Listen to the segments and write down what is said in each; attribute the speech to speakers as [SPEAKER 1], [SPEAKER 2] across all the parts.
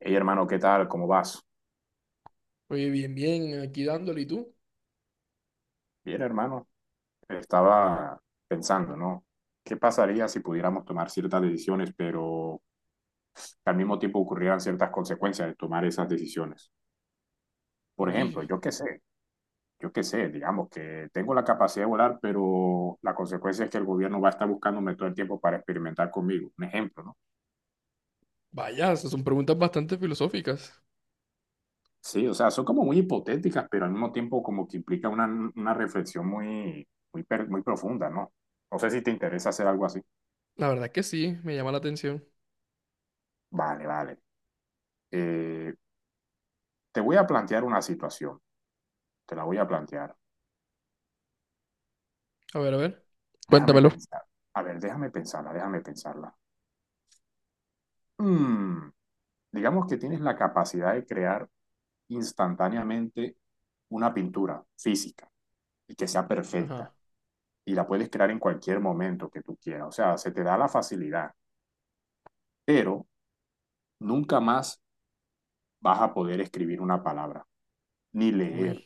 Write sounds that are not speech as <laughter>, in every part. [SPEAKER 1] Hey hermano, ¿qué tal? ¿Cómo vas?
[SPEAKER 2] Oye, bien, bien, aquí dándole, ¿y tú?
[SPEAKER 1] Bien, hermano. Estaba pensando, ¿no? ¿Qué pasaría si pudiéramos tomar ciertas decisiones, pero que al mismo tiempo ocurrieran ciertas consecuencias de tomar esas decisiones? Por
[SPEAKER 2] Uy,
[SPEAKER 1] ejemplo, yo qué sé, digamos que tengo la capacidad de volar, pero la consecuencia es que el gobierno va a estar buscándome todo el tiempo para experimentar conmigo. Un ejemplo, ¿no?
[SPEAKER 2] vaya, esas son preguntas bastante filosóficas.
[SPEAKER 1] Sí, o sea, son como muy hipotéticas, pero al mismo tiempo como que implica una reflexión muy profunda, ¿no? No sé si te interesa hacer algo así.
[SPEAKER 2] La verdad que sí, me llama la atención.
[SPEAKER 1] Vale, vale. Eh, te voy a plantear una situación, te la voy a plantear.
[SPEAKER 2] A ver,
[SPEAKER 1] Déjame
[SPEAKER 2] cuéntamelo.
[SPEAKER 1] pensar. A ver, déjame pensarla, déjame pensarla. Mm, digamos que tienes la capacidad de crear instantáneamente una pintura física y que sea perfecta
[SPEAKER 2] Ajá,
[SPEAKER 1] y la puedes crear en cualquier momento que tú quieras. O sea, se te da la facilidad, pero nunca más vas a poder escribir una palabra, ni
[SPEAKER 2] uy.
[SPEAKER 1] leer,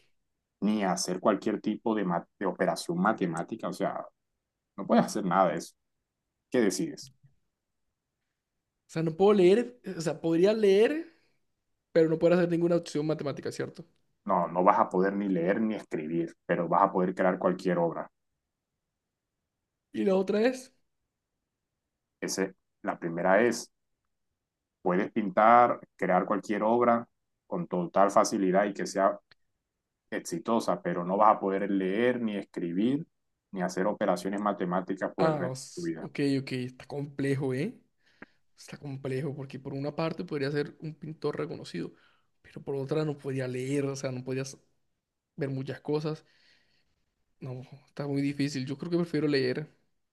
[SPEAKER 1] ni hacer cualquier tipo de operación matemática. O sea, no puedes hacer nada de eso. ¿Qué decides?
[SPEAKER 2] O sea, no puedo leer, o sea, podría leer, pero no puedo hacer ninguna opción matemática, ¿cierto?
[SPEAKER 1] No, no vas a poder ni leer ni escribir, pero vas a poder crear cualquier obra.
[SPEAKER 2] Y la otra es,
[SPEAKER 1] Ese, la primera es, puedes pintar, crear cualquier obra con total facilidad y que sea exitosa, pero no vas a poder leer ni escribir ni hacer operaciones matemáticas por el
[SPEAKER 2] ah,
[SPEAKER 1] resto de tu vida.
[SPEAKER 2] ok, ok, está complejo, ¿eh? Está complejo, porque por una parte podría ser un pintor reconocido, pero por otra no podría leer, o sea, no podrías ver muchas cosas. No, está muy difícil. Yo creo que prefiero leer.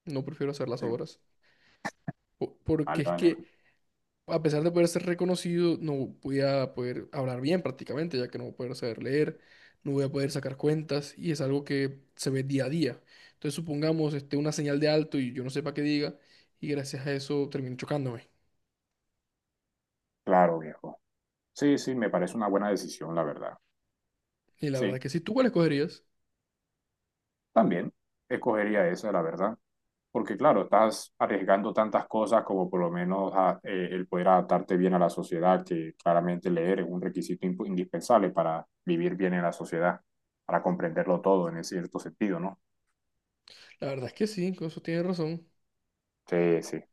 [SPEAKER 2] No prefiero hacer las
[SPEAKER 1] Sí,
[SPEAKER 2] obras. Porque
[SPEAKER 1] vale,
[SPEAKER 2] es
[SPEAKER 1] vale.
[SPEAKER 2] que, a pesar de poder ser reconocido, no voy a poder hablar bien prácticamente, ya que no voy a poder saber leer, no voy a poder sacar cuentas, y es algo que se ve día a día. Entonces, supongamos, este, una señal de alto y yo no sepa qué diga, y gracias a eso termino chocándome.
[SPEAKER 1] Claro, viejo. Sí, sí, me parece una buena decisión, la verdad.
[SPEAKER 2] Y la verdad
[SPEAKER 1] Sí,
[SPEAKER 2] es que sí, ¿tú cuál escogerías?
[SPEAKER 1] también escogería esa, la verdad. Porque claro, estás arriesgando tantas cosas como por lo menos el poder adaptarte bien a la sociedad, que claramente leer es un requisito indispensable para vivir bien en la sociedad, para comprenderlo todo en ese cierto sentido, ¿no?
[SPEAKER 2] La verdad es que sí, con eso tienes razón.
[SPEAKER 1] Sí, sí,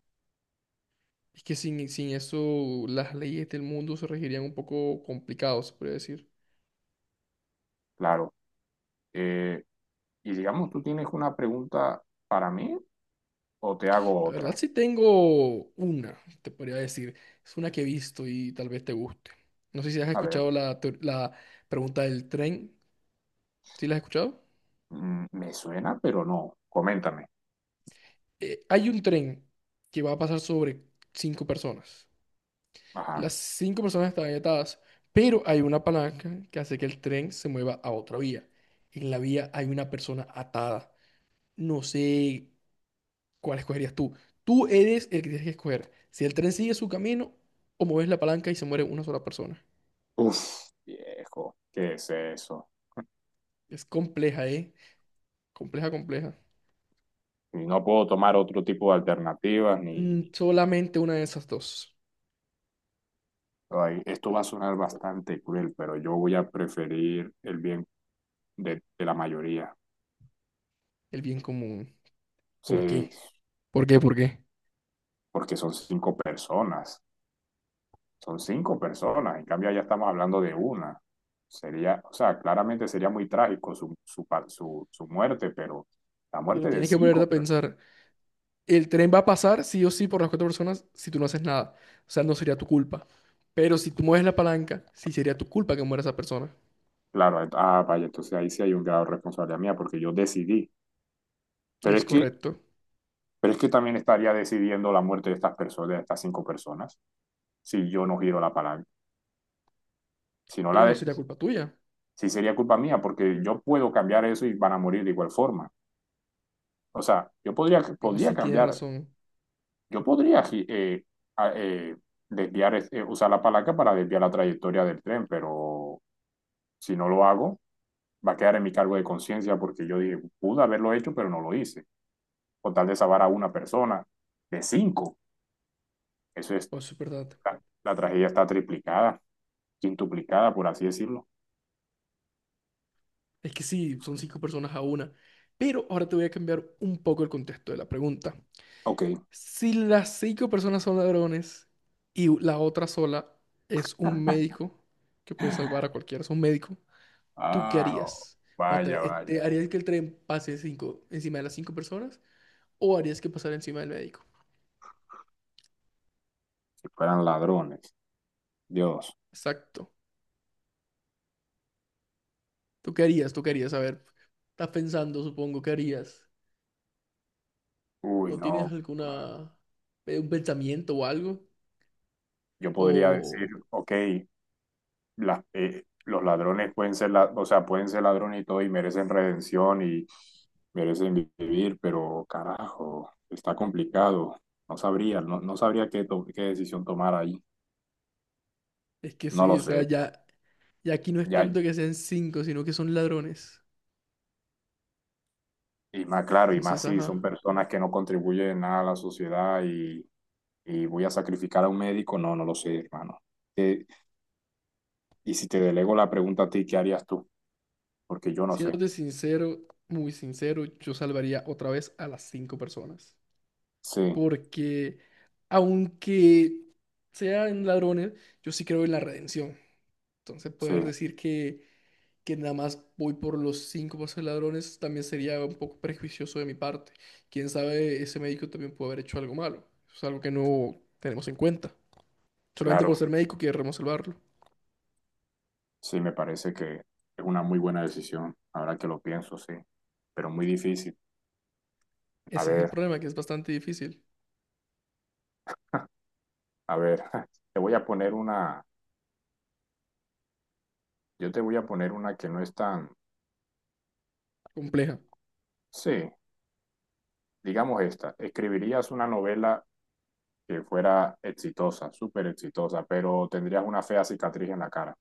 [SPEAKER 2] Es que sin eso, las leyes del mundo se regirían un poco complicados, se podría decir.
[SPEAKER 1] claro. Eh, y digamos, ¿tú tienes una pregunta para mí o te hago
[SPEAKER 2] La verdad
[SPEAKER 1] otra?
[SPEAKER 2] sí tengo una, te podría decir. Es una que he visto y tal vez te guste. No sé si has
[SPEAKER 1] A ver,
[SPEAKER 2] escuchado la pregunta del tren. ¿Sí la has escuchado?
[SPEAKER 1] mm, me suena, pero no. Coméntame.
[SPEAKER 2] Hay un tren que va a pasar sobre cinco personas.
[SPEAKER 1] Ajá.
[SPEAKER 2] Las cinco personas están atadas, pero hay una palanca que hace que el tren se mueva a otra vía. En la vía hay una persona atada. No sé cuál escogerías tú. Tú eres el que tienes que escoger. Si el tren sigue su camino o mueves la palanca y se muere una sola persona.
[SPEAKER 1] Uf, viejo, ¿qué es eso?
[SPEAKER 2] Es compleja, ¿eh? Compleja, compleja.
[SPEAKER 1] Y no puedo tomar otro tipo de alternativas ni...
[SPEAKER 2] Mm, solamente una de esas dos.
[SPEAKER 1] Ay, esto va a sonar bastante cruel, pero yo voy a preferir el bien de la mayoría.
[SPEAKER 2] El bien común.
[SPEAKER 1] Sí,
[SPEAKER 2] ¿Por qué? ¿Por qué? ¿Por qué?
[SPEAKER 1] porque son cinco personas. Son cinco personas. En cambio, ya estamos hablando de una. Sería, o sea, claramente sería muy trágico su muerte, pero la
[SPEAKER 2] Y lo
[SPEAKER 1] muerte de
[SPEAKER 2] tienes que ponerte
[SPEAKER 1] cinco,
[SPEAKER 2] a
[SPEAKER 1] pues,
[SPEAKER 2] pensar. El tren va a pasar sí o sí por las cuatro personas si tú no haces nada. O sea, no sería tu culpa. Pero si tú mueves la palanca, sí sería tu culpa que muera esa persona.
[SPEAKER 1] claro, ah, vaya, entonces ahí sí hay un grado de responsabilidad mía porque yo decidí. Pero es
[SPEAKER 2] Es
[SPEAKER 1] que,
[SPEAKER 2] correcto.
[SPEAKER 1] pero es que también estaría decidiendo la muerte de estas personas, de estas cinco personas, si yo no giro la palanca. Si no
[SPEAKER 2] Pero
[SPEAKER 1] la,
[SPEAKER 2] no
[SPEAKER 1] de-
[SPEAKER 2] sería culpa tuya.
[SPEAKER 1] Sí sería culpa mía, porque yo puedo cambiar eso y van a morir de igual forma. O sea, yo
[SPEAKER 2] Bueno,
[SPEAKER 1] podría
[SPEAKER 2] sí tienes
[SPEAKER 1] cambiar,
[SPEAKER 2] razón.
[SPEAKER 1] yo podría a- eh, desviar, usar la palanca para desviar la trayectoria del tren, pero si no lo hago, va a quedar en mi cargo de conciencia porque yo dije, pude haberlo hecho, pero no lo hice. Con tal de salvar a una persona, de cinco, eso es,
[SPEAKER 2] Bueno, eso es verdad.
[SPEAKER 1] la tragedia está triplicada, quintuplicada, por así decirlo.
[SPEAKER 2] Es que sí, son cinco personas a una. Pero ahora te voy a cambiar un poco el contexto de la pregunta.
[SPEAKER 1] Ok.
[SPEAKER 2] Si las cinco personas son ladrones y la otra sola es un médico que puede salvar a cualquiera, es un médico, ¿tú qué
[SPEAKER 1] Ah, oh,
[SPEAKER 2] harías? ¿Matar,
[SPEAKER 1] vaya,
[SPEAKER 2] este,
[SPEAKER 1] vaya.
[SPEAKER 2] harías que el tren pase cinco, encima de las cinco personas o harías que pasara encima del médico?
[SPEAKER 1] Si fueran ladrones. Dios.
[SPEAKER 2] Exacto. ¿Tú qué harías? ¿Tú qué harías? A ver, estás pensando, supongo, ¿qué harías?
[SPEAKER 1] Uy,
[SPEAKER 2] ¿No tienes
[SPEAKER 1] no.
[SPEAKER 2] alguna, un pensamiento o algo?
[SPEAKER 1] Yo podría decir,
[SPEAKER 2] O
[SPEAKER 1] ok, los ladrones pueden ser, o sea, pueden ser ladrones y todo y merecen redención y merecen vivir, pero carajo, está complicado. No sabría, no, no sabría qué decisión tomar ahí.
[SPEAKER 2] es que
[SPEAKER 1] No
[SPEAKER 2] sí,
[SPEAKER 1] lo
[SPEAKER 2] o sea,
[SPEAKER 1] sé.
[SPEAKER 2] ya, ya aquí no es
[SPEAKER 1] Ya,
[SPEAKER 2] tanto que sean cinco, sino que son ladrones.
[SPEAKER 1] y más claro, y más
[SPEAKER 2] Entonces,
[SPEAKER 1] si son
[SPEAKER 2] ajá.
[SPEAKER 1] personas que no contribuyen en nada a la sociedad y voy a sacrificar a un médico, no, no lo sé, hermano. Eh, y si te delego la pregunta a ti, ¿qué harías tú? Porque yo no sé.
[SPEAKER 2] Siéndote sincero, muy sincero, yo salvaría otra vez a las cinco personas.
[SPEAKER 1] Sí,
[SPEAKER 2] Porque aunque sean ladrones, yo sí creo en la redención. Entonces poder
[SPEAKER 1] sí.
[SPEAKER 2] decir que nada más voy por los cinco por ser ladrones también sería un poco prejuicioso de mi parte. Quién sabe, ese médico también puede haber hecho algo malo. Es algo que no tenemos en cuenta. Solamente por
[SPEAKER 1] Claro,
[SPEAKER 2] ser médico queremos salvarlo.
[SPEAKER 1] sí, me parece que es una muy buena decisión, ahora que lo pienso, sí, pero muy difícil. A
[SPEAKER 2] Ese es el
[SPEAKER 1] ver,
[SPEAKER 2] problema, que es bastante difícil,
[SPEAKER 1] a ver, <laughs> te voy a poner una, yo te voy a poner una que no es tan,
[SPEAKER 2] compleja.
[SPEAKER 1] sí, digamos esta, escribirías una novela que fuera exitosa, súper exitosa, pero tendrías una fea cicatriz en la cara.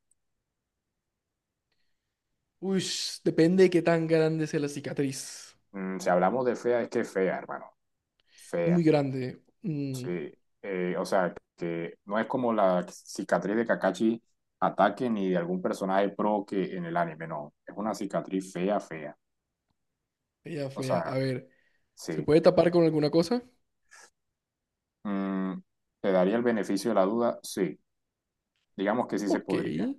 [SPEAKER 2] Uy, depende de qué tan grande sea la cicatriz.
[SPEAKER 1] Mm, si hablamos de fea, es que es fea, hermano,
[SPEAKER 2] Muy
[SPEAKER 1] fea.
[SPEAKER 2] grande. Mm,
[SPEAKER 1] Sí, o sea, que no es como la cicatriz de Kakashi ataque ni de algún personaje pro que en el anime, no. Es una cicatriz fea, fea.
[SPEAKER 2] ella
[SPEAKER 1] O
[SPEAKER 2] fea. A
[SPEAKER 1] sea,
[SPEAKER 2] ver, ¿se
[SPEAKER 1] sí.
[SPEAKER 2] puede tapar con alguna cosa?
[SPEAKER 1] Mm, ¿te daría el beneficio de la duda? Sí. Digamos que sí se
[SPEAKER 2] Ok.
[SPEAKER 1] podría.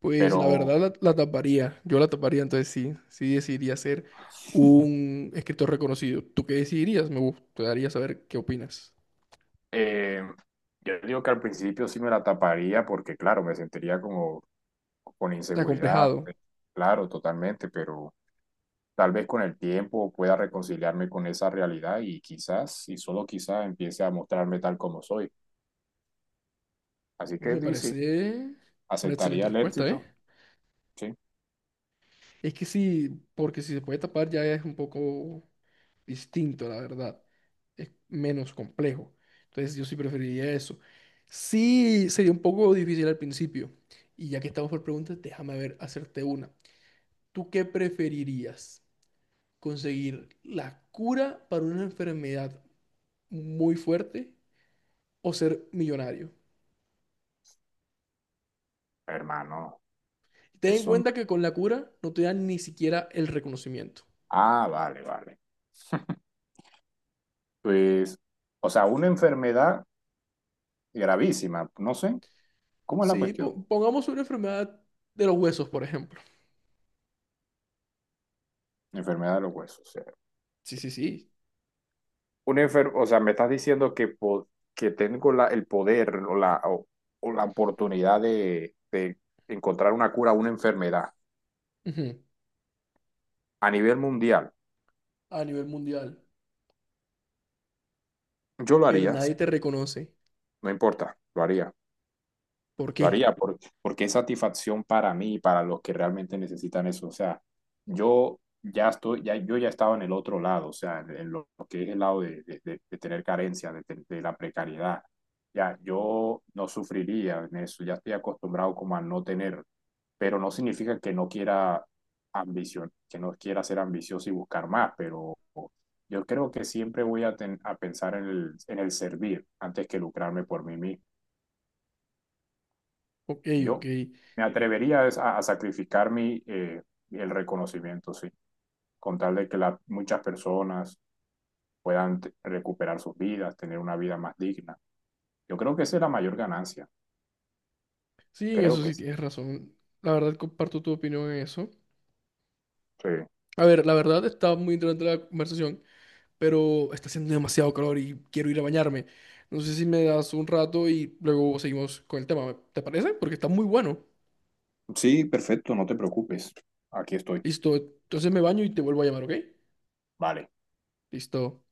[SPEAKER 2] Pues la verdad
[SPEAKER 1] Pero
[SPEAKER 2] la, la taparía. Yo la taparía, entonces sí. Sí decidiría ser un escritor reconocido. ¿Tú qué decidirías? Me gustaría saber qué opinas.
[SPEAKER 1] eh, yo digo que al principio sí me la taparía porque, claro, me sentiría como con inseguridad.
[SPEAKER 2] Acomplejado.
[SPEAKER 1] Claro, totalmente, pero tal vez con el tiempo pueda reconciliarme con esa realidad y quizás, y solo quizás, empiece a mostrarme tal como soy. Así
[SPEAKER 2] Uy,
[SPEAKER 1] que
[SPEAKER 2] me
[SPEAKER 1] Dizzy,
[SPEAKER 2] parece una
[SPEAKER 1] ¿aceptaría
[SPEAKER 2] excelente
[SPEAKER 1] el
[SPEAKER 2] respuesta, ¿eh?
[SPEAKER 1] éxito? Sí,
[SPEAKER 2] Es que sí, porque si se puede tapar ya es un poco distinto, la verdad. Es menos complejo. Entonces yo sí preferiría eso. Sí, sería un poco difícil al principio. Y ya que estamos por preguntas, déjame ver, hacerte una. ¿Tú qué preferirías? ¿Conseguir la cura para una enfermedad muy fuerte o ser millonario?
[SPEAKER 1] hermano,
[SPEAKER 2] Ten en
[SPEAKER 1] eso no.
[SPEAKER 2] cuenta que con la cura no te dan ni siquiera el reconocimiento.
[SPEAKER 1] Ah, vale, vale. Pues, o sea, una enfermedad gravísima, no sé, ¿cómo es la
[SPEAKER 2] Sí,
[SPEAKER 1] cuestión?
[SPEAKER 2] pongamos una enfermedad de los huesos, por ejemplo.
[SPEAKER 1] Enfermedad de los huesos. O sea,
[SPEAKER 2] Sí, sí, sí.
[SPEAKER 1] una o sea, me estás diciendo que, que tengo el poder o o la oportunidad de encontrar una cura a una enfermedad
[SPEAKER 2] Ujú.
[SPEAKER 1] a nivel mundial.
[SPEAKER 2] A nivel mundial.
[SPEAKER 1] Yo lo
[SPEAKER 2] Pero
[SPEAKER 1] haría.
[SPEAKER 2] nadie te reconoce.
[SPEAKER 1] No importa, lo haría.
[SPEAKER 2] ¿Por
[SPEAKER 1] Lo
[SPEAKER 2] qué?
[SPEAKER 1] haría porque es satisfacción para mí y para los que realmente necesitan eso. O sea, yo ya estoy, ya, yo ya estaba en el otro lado, o sea, en lo que es el lado de tener carencia, de la precariedad. Ya, yo no sufriría en eso, ya estoy acostumbrado como a no tener, pero no significa que no quiera ambición, que no quiera ser ambicioso y buscar más, pero yo creo que siempre voy a pensar en el servir antes que lucrarme por mí mismo.
[SPEAKER 2] Ok, ok.
[SPEAKER 1] Yo me atrevería a sacrificar mi, el reconocimiento, sí, con tal de que muchas personas puedan recuperar sus vidas, tener una vida más digna. Yo creo que esa es la mayor ganancia.
[SPEAKER 2] Sí, en
[SPEAKER 1] Creo
[SPEAKER 2] eso
[SPEAKER 1] que
[SPEAKER 2] sí
[SPEAKER 1] sí.
[SPEAKER 2] tienes razón. La verdad comparto tu opinión en eso.
[SPEAKER 1] Sí,
[SPEAKER 2] A ver, la verdad está muy interesante la conversación, pero está haciendo demasiado calor y quiero ir a bañarme. No sé si me das un rato y luego seguimos con el tema. ¿Te parece? Porque está muy bueno.
[SPEAKER 1] sí, perfecto, no te preocupes. Aquí estoy.
[SPEAKER 2] Listo. Entonces me baño y te vuelvo a llamar, ¿ok?
[SPEAKER 1] Vale.
[SPEAKER 2] Listo.